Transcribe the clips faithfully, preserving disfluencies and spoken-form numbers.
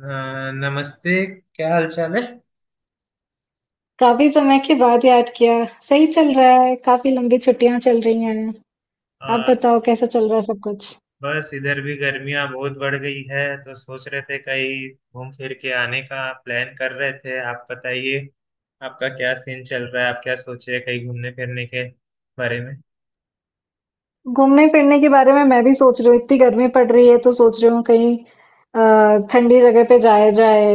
हाँ, नमस्ते। क्या हाल चाल है? काफ़ी समय के बाद याद किया। सही चल रहा है। काफ़ी लंबी छुट्टियाँ चल रही हैं। आप आ, बताओ कैसा चल रहा है सब कुछ? बस इधर भी गर्मियां बहुत बढ़ गई है, तो सोच रहे थे कहीं घूम फिर के आने का प्लान कर रहे थे। आप बताइए, आपका क्या सीन चल रहा है? आप क्या सोचे कहीं घूमने फिरने के बारे घूमने फिरने के बारे में मैं भी सोच रही हूँ। इतनी गर्मी पड़ रही है तो सोच रही हूँ कहीं अ, ठंडी जगह पे जाया जाए।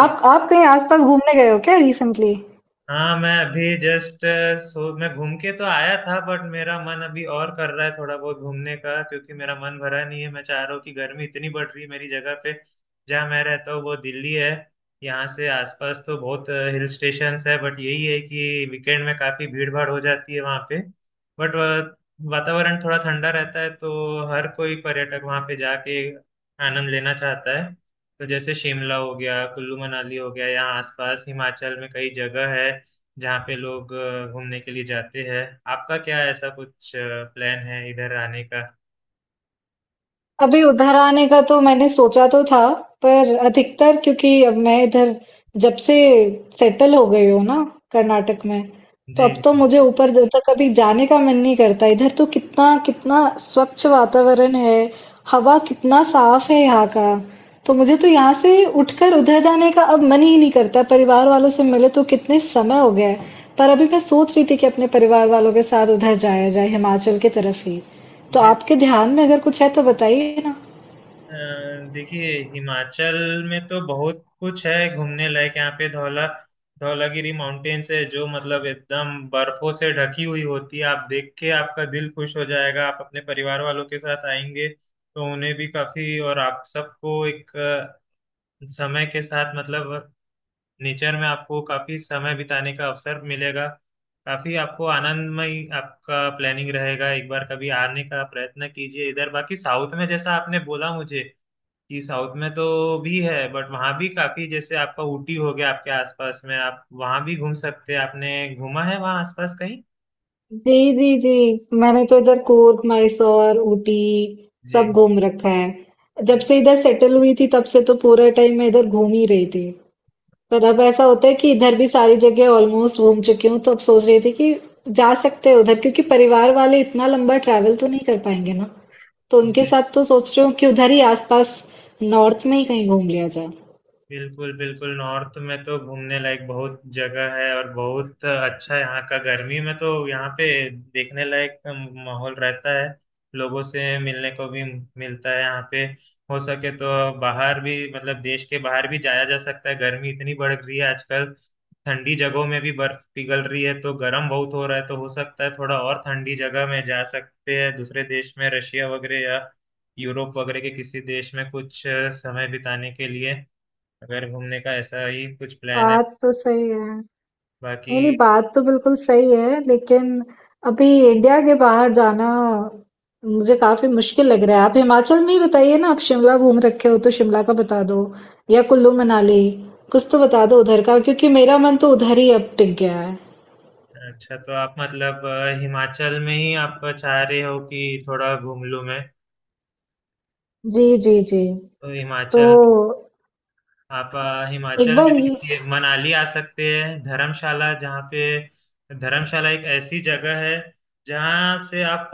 में? आप आप कहीं आसपास घूमने गए हो क्या रिसेंटली? हाँ, मैं अभी जस्ट सो मैं घूम के तो आया था, बट मेरा मन अभी और कर रहा है थोड़ा बहुत घूमने का, क्योंकि मेरा मन भरा नहीं है। मैं चाह रहा हूँ कि गर्मी इतनी बढ़ रही है मेरी जगह पे। जहाँ मैं रहता हूँ वो दिल्ली है। यहाँ से आसपास तो बहुत हिल स्टेशंस है, बट यही है कि वीकेंड में काफी भीड़ भाड़ हो जाती है वहाँ पे। बट वातावरण थोड़ा ठंडा रहता है, तो हर कोई पर्यटक वहाँ पे जाके आनंद लेना चाहता है। तो जैसे शिमला हो गया, कुल्लू मनाली हो गया, यहाँ आसपास हिमाचल में कई जगह है जहाँ पे लोग अ, घूमने के लिए जाते हैं। आपका क्या ऐसा कुछ प्लान है इधर आने का? अभी उधर आने का तो मैंने सोचा तो था पर अधिकतर क्योंकि अब मैं इधर जब से सेटल हो गई हूँ ना कर्नाटक में तो जी अब तो जी मुझे ऊपर जब तक कभी जाने का मन नहीं करता इधर तो कितना कितना स्वच्छ वातावरण है हवा कितना साफ है यहाँ का तो मुझे तो यहाँ से उठकर उधर जाने का अब मन ही नहीं करता परिवार वालों से मिले तो कितने समय हो गया है पर अभी मैं सोच रही थी कि अपने परिवार वालों के साथ उधर जाया जाए हिमाचल की तरफ ही तो जी। आपके ध्यान में अगर कुछ है तो बताइए ना। अ, देखिए, हिमाचल में तो बहुत कुछ है घूमने लायक। यहाँ पे धौला धौलागिरी माउंटेन्स है, जो मतलब एकदम बर्फों से ढकी हुई होती है। आप देख के आपका दिल खुश हो जाएगा। आप अपने परिवार वालों के साथ आएंगे तो उन्हें भी काफी, और आप सबको एक अ, समय के साथ मतलब नेचर में आपको काफी समय बिताने का अवसर मिलेगा। काफी आपको आनंदमय आपका प्लानिंग रहेगा। एक बार कभी आने का प्रयत्न कीजिए इधर। बाकी साउथ में जैसा आपने बोला मुझे कि साउथ में तो भी है, बट वहाँ भी काफी जैसे आपका ऊटी हो गया, आपके आसपास में आप वहाँ भी घूम सकते हैं। आपने घूमा है वहाँ आसपास कहीं? जी जी जी, मैंने तो इधर कूर्ग मैसूर ऊटी सब जी। घूम रखा है जब अरे से इधर सेटल हुई थी तब से तो पूरे टाइम मैं इधर घूम ही रही थी पर अब ऐसा होता है कि इधर भी सारी जगह ऑलमोस्ट घूम चुकी हूँ तो अब सोच रही थी कि जा सकते हैं उधर क्योंकि परिवार वाले इतना लंबा ट्रैवल तो नहीं कर पाएंगे ना तो उनके जी। साथ तो सोच रही हूँ कि उधर ही आसपास नॉर्थ में ही कहीं घूम लिया जाए। बिल्कुल बिल्कुल, नॉर्थ में तो घूमने लायक बहुत जगह है और बहुत अच्छा है यहाँ का। गर्मी में तो यहाँ पे देखने लायक माहौल रहता है। लोगों से मिलने को भी मिलता है यहाँ पे। हो सके तो बाहर भी, मतलब देश के बाहर भी जाया जा सकता है। गर्मी इतनी बढ़ रही है आजकल, ठंडी जगहों में भी बर्फ पिघल रही है, तो गर्म बहुत हो रहा है। तो हो सकता है थोड़ा और ठंडी जगह में जा सकते हैं दूसरे देश में, रशिया वगैरह या यूरोप वगैरह के किसी देश में, कुछ समय बिताने के लिए, अगर घूमने का ऐसा ही कुछ प्लान है। बात तो सही है। नहीं बाकी नहीं, बात तो बिल्कुल सही है लेकिन अभी इंडिया के बाहर जाना मुझे काफी मुश्किल लग रहा है। आप हिमाचल में ही बताइए ना, आप शिमला घूम रखे हो तो शिमला का बता दो या कुल्लू मनाली कुछ तो बता दो उधर का क्योंकि मेरा मन तो उधर ही अब टिक गया है। अच्छा, तो आप मतलब अ, हिमाचल में ही आप चाह रहे हो कि थोड़ा घूम लूं मैं? जी जी जी। तो तो हिमाचल, आप अ, एक हिमाचल में बार ये देखिए मनाली आ सकते हैं, धर्मशाला जहाँ पे। धर्मशाला एक ऐसी जगह है जहाँ से आप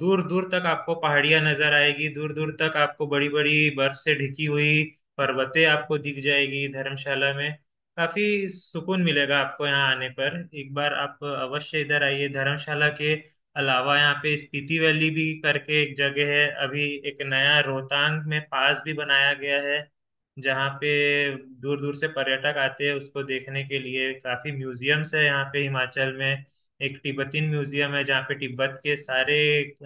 दूर दूर तक आपको पहाड़ियाँ नजर आएगी, दूर दूर तक आपको बड़ी बड़ी बर्फ से ढकी हुई पर्वतें आपको दिख जाएगी। धर्मशाला में काफी सुकून मिलेगा आपको यहाँ आने पर। एक बार आप अवश्य इधर आइए। धर्मशाला के अलावा यहाँ पे स्पीति वैली भी करके एक जगह है। अभी एक नया रोहतांग में पास भी बनाया गया है जहाँ पे दूर दूर से पर्यटक आते हैं उसको देखने के लिए। काफी म्यूजियम्स है यहाँ पे हिमाचल में। एक तिब्बतीन म्यूजियम है जहाँ पे तिब्बत के सारे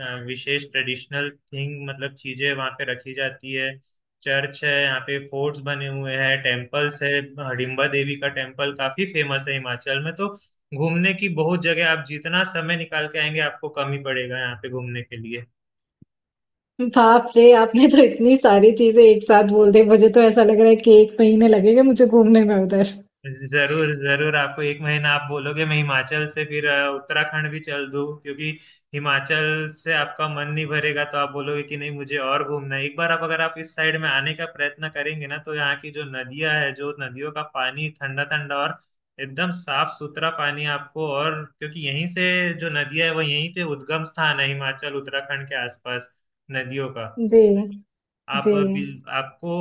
अ, विशेष ट्रेडिशनल थिंग, मतलब चीजें वहाँ पे रखी जाती है। चर्च है यहाँ पे, फोर्ट्स बने हुए हैं, टेम्पल्स है। हडिम्बा देवी का टेम्पल काफी फेमस है हिमाचल में। तो घूमने की बहुत जगह, आप जितना समय निकाल के आएंगे आपको कम ही पड़ेगा यहाँ पे घूमने के लिए। बाप रे, आपने तो इतनी सारी चीजें एक साथ बोल दी, मुझे तो ऐसा लग रहा है कि एक महीने लगेगा मुझे घूमने में उधर। जरूर जरूर, आपको एक महीना आप बोलोगे मैं हिमाचल से फिर अ, उत्तराखंड भी चल दूं, क्योंकि हिमाचल से आपका मन नहीं भरेगा, तो आप बोलोगे कि नहीं मुझे और घूमना है। एक बार आप अगर आप इस साइड में आने का प्रयत्न करेंगे ना, तो यहाँ की जो नदियां है, जो नदियों का पानी ठंडा ठंडा और एकदम साफ सुथरा पानी आपको, और क्योंकि यहीं से जो नदियां है वो यहीं पे उद्गम स्थान है हिमाचल उत्तराखंड के आसपास, नदियों का। जी आप जी बिल, आपको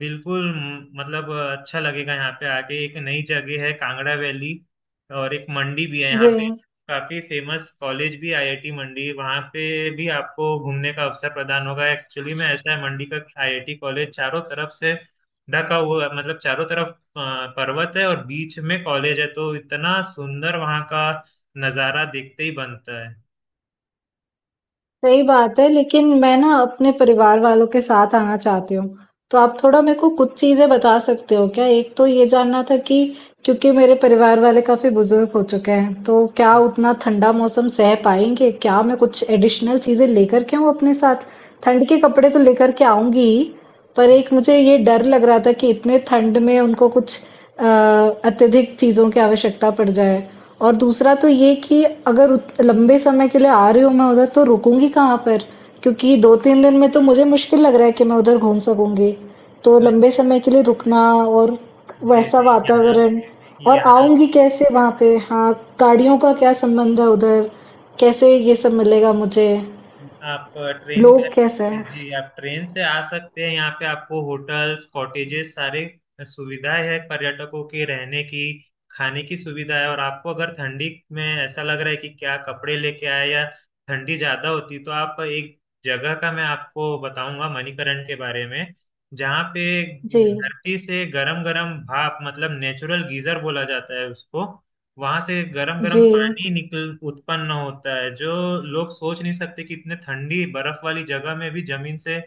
बिल्कुल मतलब अच्छा लगेगा यहाँ पे आके। एक नई जगह है कांगड़ा वैली और एक मंडी भी है यहाँ जी। पे। काफी फेमस कॉलेज भी आई आई टी मंडी, वहाँ पे भी आपको घूमने का अवसर प्रदान होगा। एक्चुअली में ऐसा है, मंडी का आई आई टी कॉलेज चारों तरफ से ढका हुआ है, मतलब चारों तरफ अ, पर्वत है और बीच में कॉलेज है, तो इतना सुंदर वहाँ का नज़ारा देखते ही बनता है। सही बात है, लेकिन मैं ना अपने परिवार वालों के साथ आना चाहती हूँ। तो आप थोड़ा मेरे को कुछ चीज़ें बता सकते हो क्या? एक तो ये जानना था कि क्योंकि मेरे परिवार वाले काफ़ी बुजुर्ग हो चुके हैं, तो क्या उतना ठंडा मौसम सह पाएँगे? क्या मैं कुछ एडिशनल चीज़ें लेकर के आऊँ अपने साथ? ठंड के कपड़े तो लेकर के आऊँगी ही, पर जी एक मुझे ये डर लग रहा था कि इतने ठंड में उनको कुछ अ, अत्यधिक चीज़ों की आवश्यकता पड़ जाए। और दूसरा तो ये कि अगर उत- लंबे समय के लिए आ रही हूँ मैं उधर तो रुकूंगी कहाँ पर क्योंकि दो तीन दिन में तो मुझे मुश्किल लग रहा है कि मैं उधर घूम सकूंगी। तो लंबे समय के लिए रुकना और जी वैसा जी, यहाँ वातावरण, और यहाँ, आऊंगी कैसे वहां पे, हाँ, गाड़ियों का क्या संबंध है उधर, कैसे ये सब मिलेगा मुझे, आप ट्रेन का, लोग कैसे हैं। जी आप ट्रेन से आ सकते हैं। यहाँ पे आपको होटल्स कॉटेजेस सारे सुविधाएं है पर्यटकों के रहने की, खाने की सुविधा है। और आपको अगर ठंडी में ऐसा लग रहा है कि क्या कपड़े लेके आए या ठंडी ज्यादा होती, तो आप एक जगह का मैं आपको बताऊंगा, मणिकरण के बारे में, जहाँ पे जी धरती से गरम गरम भाप, मतलब नेचुरल गीजर बोला जाता है उसको, वहां से गरम गरम जी। पानी निकल उत्पन्न होता है। जो लोग सोच नहीं सकते कि इतने ठंडी बर्फ वाली जगह में भी जमीन से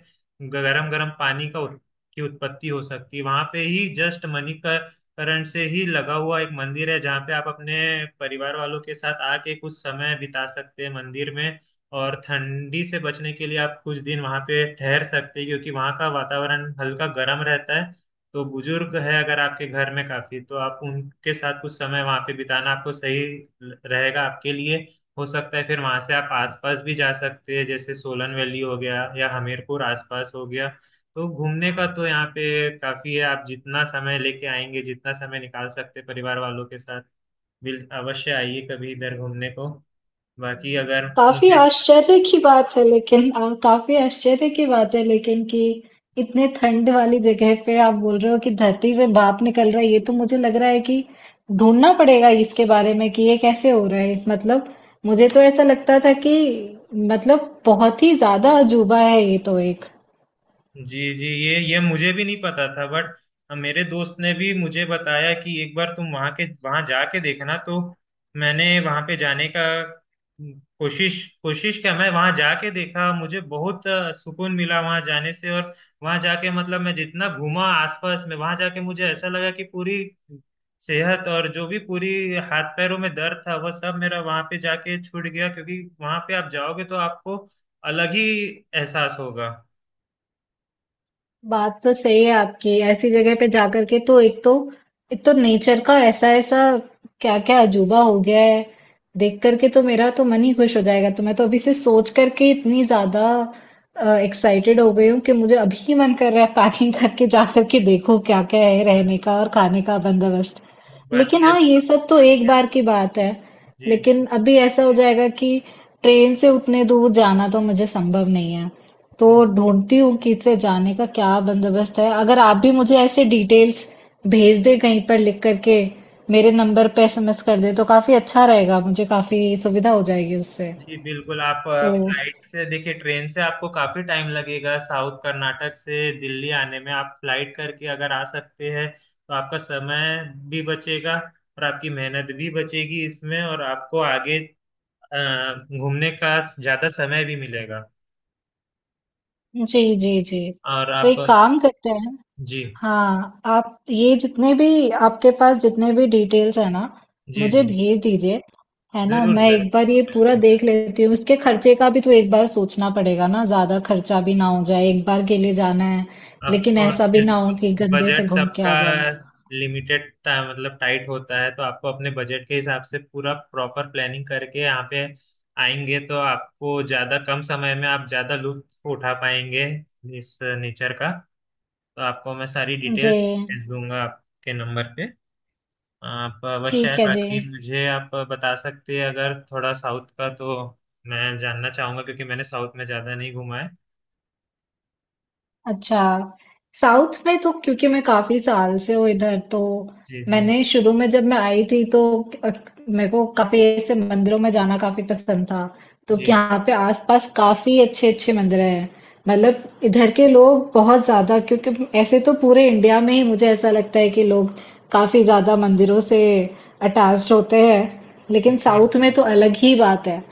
गरम गरम पानी का उत, की उत्पत्ति हो सकती है। वहां पे ही जस्ट मणिकरण से ही लगा हुआ एक मंदिर है जहाँ पे आप अपने परिवार वालों के साथ आके कुछ समय बिता सकते हैं मंदिर में। और ठंडी से बचने के लिए आप कुछ दिन वहां पे ठहर सकते हैं, क्योंकि वहां का वातावरण हल्का गर्म रहता है। तो बुजुर्ग है अगर आपके घर में काफी, तो आप उनके साथ कुछ समय वहां पे बिताना आपको सही ल- रहेगा आपके लिए। हो सकता है फिर वहां से आप आसपास भी जा सकते हैं, जैसे सोलन वैली हो गया या हमीरपुर आसपास हो गया। तो घूमने का तो यहाँ पे काफी है, आप जितना समय लेके आएंगे, जितना समय निकाल सकते हैं परिवार वालों के साथ, बिल अवश्य आइए कभी इधर घूमने को। बाकी अगर काफ़ी मुझे, आश्चर्य की बात है लेकिन अ, काफ़ी आश्चर्य की बात है लेकिन कि इतने ठंड वाली जगह पे आप बोल रहे हो कि धरती से भाप निकल रहा है। ये तो मुझे लग रहा है कि ढूंढना पड़ेगा इसके बारे में कि ये कैसे हो रहा है। मतलब मुझे तो ऐसा लगता था कि मतलब बहुत ही ज्यादा अजूबा है ये तो एक। जी जी, ये ये मुझे भी नहीं पता था बट मेरे दोस्त ने भी मुझे बताया कि एक बार तुम वहां के वहां जाके देखना। तो मैंने वहां पे जाने का कोशिश कोशिश किया, मैं वहां जाके देखा, मुझे बहुत अ, सुकून मिला वहां जाने से। और वहां जाके मतलब मैं जितना घूमा आसपास में, वहां जाके मुझे ऐसा लगा कि पूरी सेहत, और जो भी पूरी हाथ पैरों में दर्द था वह सब मेरा वहां पे जाके छूट गया। क्योंकि वहां पे आप जाओगे तो आपको अलग ही एहसास होगा। बात तो सही है आपकी, ऐसी जगह पे जाकर के तो एक तो एक तो नेचर का ऐसा ऐसा क्या क्या अजूबा हो गया है देख करके तो मेरा तो मन ही खुश हो जाएगा। तो मैं तो अभी से सोच करके इतनी ज्यादा एक्साइटेड हो गई हूँ कि मुझे अभी ही मन कर रहा है पैकिंग करके जा करके देखो क्या क्या है रहने का और खाने का बंदोबस्त। लेकिन बाकी अ- हाँ, ये सब तो एक बार की बात है। जी जी। लेकिन अभी ऐसा हो जाएगा कि ट्रेन से उतने दूर जाना तो मुझे संभव नहीं है। तो जी ढूँढती हूँ कि इससे जाने का क्या बंदोबस्त है। अगर आप भी मुझे ऐसे डिटेल्स भेज दें कहीं पर लिख कर के, मेरे नंबर पे एसएमएस कर दें तो काफ़ी अच्छा रहेगा, मुझे काफ़ी सुविधा हो जाएगी उससे। जी बिल्कुल, आप तो फ्लाइट से देखिए, ट्रेन से आपको काफी टाइम लगेगा साउथ कर्नाटक से दिल्ली आने में। आप फ्लाइट करके अगर आ सकते हैं तो आपका समय भी बचेगा और आपकी मेहनत भी बचेगी इसमें, और आपको आगे अ, घूमने का ज्यादा समय भी मिलेगा। जी, जी, जी। और तो आप, एक काम करते हैं, जी, हाँ, आप ये जितने भी आपके पास जितने भी डिटेल्स है ना जी, मुझे जी, भेज दीजिए। है ना, जरूर मैं जरूर, एक बार ये पूरा देख लेती हूँ, इसके खर्चे का भी तो एक बार सोचना पड़ेगा ना, ज्यादा खर्चा भी ना हो जाए, एक बार के लिए जाना है ऑफ लेकिन कोर्स ऐसा भी ना हो कि बिल्कुल। गंदे से बजट घूम के आ सबका जाऊं। लिमिटेड मतलब टाइट होता है, तो आपको अपने बजट के हिसाब से पूरा प्रॉपर प्लानिंग करके यहाँ पे आएंगे तो आपको ज्यादा, कम समय में आप ज्यादा लुत्फ उठा पाएंगे इस नेचर का। तो आपको मैं सारी डिटेल्स भेज जी। दूंगा आपके नंबर पे। आप अवश्य है। ठीक है जी। बाकी मुझे आप बता सकते हैं अगर थोड़ा साउथ का, तो मैं जानना चाहूंगा, क्योंकि मैंने साउथ में ज्यादा नहीं घूमा है। अच्छा, साउथ में तो क्योंकि मैं काफी साल से हूँ इधर, तो जी। जी। मैंने शुरू में जब मैं आई थी तो अ, मेरे को काफी ऐसे मंदिरों में जाना काफी पसंद था। तो कि जी यहाँ पे आसपास काफी अच्छे अच्छे मंदिर हैं। मतलब इधर के लोग बहुत ज्यादा, क्योंकि ऐसे तो पूरे इंडिया में ही मुझे ऐसा लगता है कि लोग काफी ज्यादा मंदिरों से अटैच्ड होते हैं, लेकिन जी। साउथ में तो अलग ही बात है।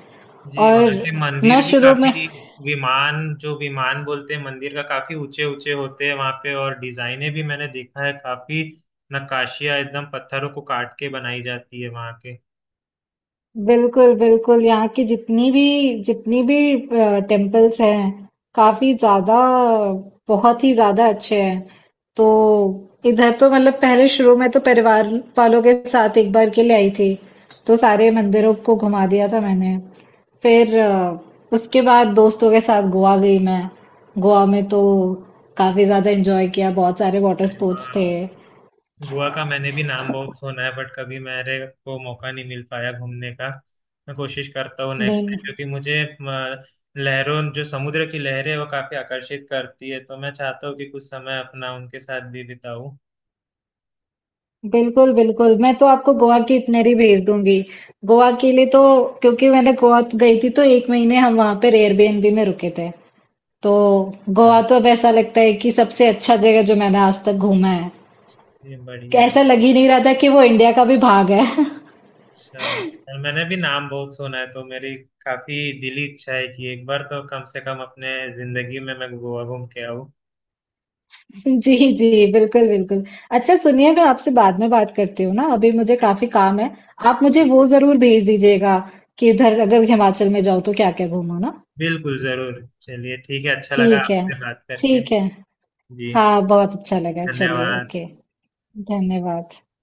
जी वहां के और मैं मंदिर भी शुरू में काफी विमान, जो विमान बोलते हैं मंदिर का, काफी ऊंचे ऊंचे होते हैं वहां पे। और डिजाइने भी मैंने देखा है, काफी नक्काशियां एकदम पत्थरों को काट के बनाई जाती है वहां के। बिल्कुल, बिल्कुल। यहाँ की जितनी भी जितनी भी अ, टेम्पल्स हैं, काफ़ी ज़्यादा, बहुत ही ज़्यादा अच्छे हैं। तो इधर तो मतलब पहले शुरू में तो परिवार वालों के साथ एक बार के लिए आई थी, तो सारे मंदिरों को घुमा दिया था मैंने। फिर अ, उसके बाद दोस्तों के साथ गोवा गई मैं। गोवा में तो काफ़ी ज़्यादा एंजॉय किया, बहुत सारे वाटर स्पोर्ट्स वहाँ थे। गोवा का मैंने भी नाम बहुत सुना है, बट कभी मेरे को मौका नहीं मिल पाया घूमने का। मैं कोशिश करता हूँ नेक्स्ट देन टाइम, क्योंकि मुझे अ, लहरों, जो समुद्र की लहरें हैं, वो काफी आकर्षित करती है, तो मैं चाहता हूँ कि कुछ समय अपना उनके साथ भी बिताऊं। बिल्कुल, बिल्कुल। मैं तो आपको गोवा की इटिनरी भेज दूँगी। गोवा के लिए तो क्योंकि मैंने गोवा तो गई थी तो एक महीने हम वहाँ पर एयरबीएनबी में रुके थे। तो गोवा अ, तो अब ऐसा लगता है कि सबसे अच्छा जगह जो मैंने आज तक घूमा है। ये बढ़िया है। ऐसा लग ही नहीं रहा था कि वो इंडिया का भी भाग है। अच्छा सर, मैंने भी नाम बहुत सुना है, तो मेरी काफी दिली इच्छा है कि एक बार तो कम से कम अपने जिंदगी में मैं गोवा घूम के आऊँ। जी, जी। बिल्कुल, बिल्कुल। अच्छा सुनिए, मैं आपसे बाद में बात करती हूँ ना, अभी मुझे काफ़ी काम है। आप मुझे वो ज़रूर भेज दीजिएगा कि इधर अगर हिमाचल में जाओ तो क्या-क्या घूमो ना? बिल्कुल जरूर, चलिए ठीक है, अच्छा लगा ठीक है। आपसे बात करके। ठीक है। जी हाँ बहुत अच्छा लगा, चलिए धन्यवाद। ओके, धन्यवाद।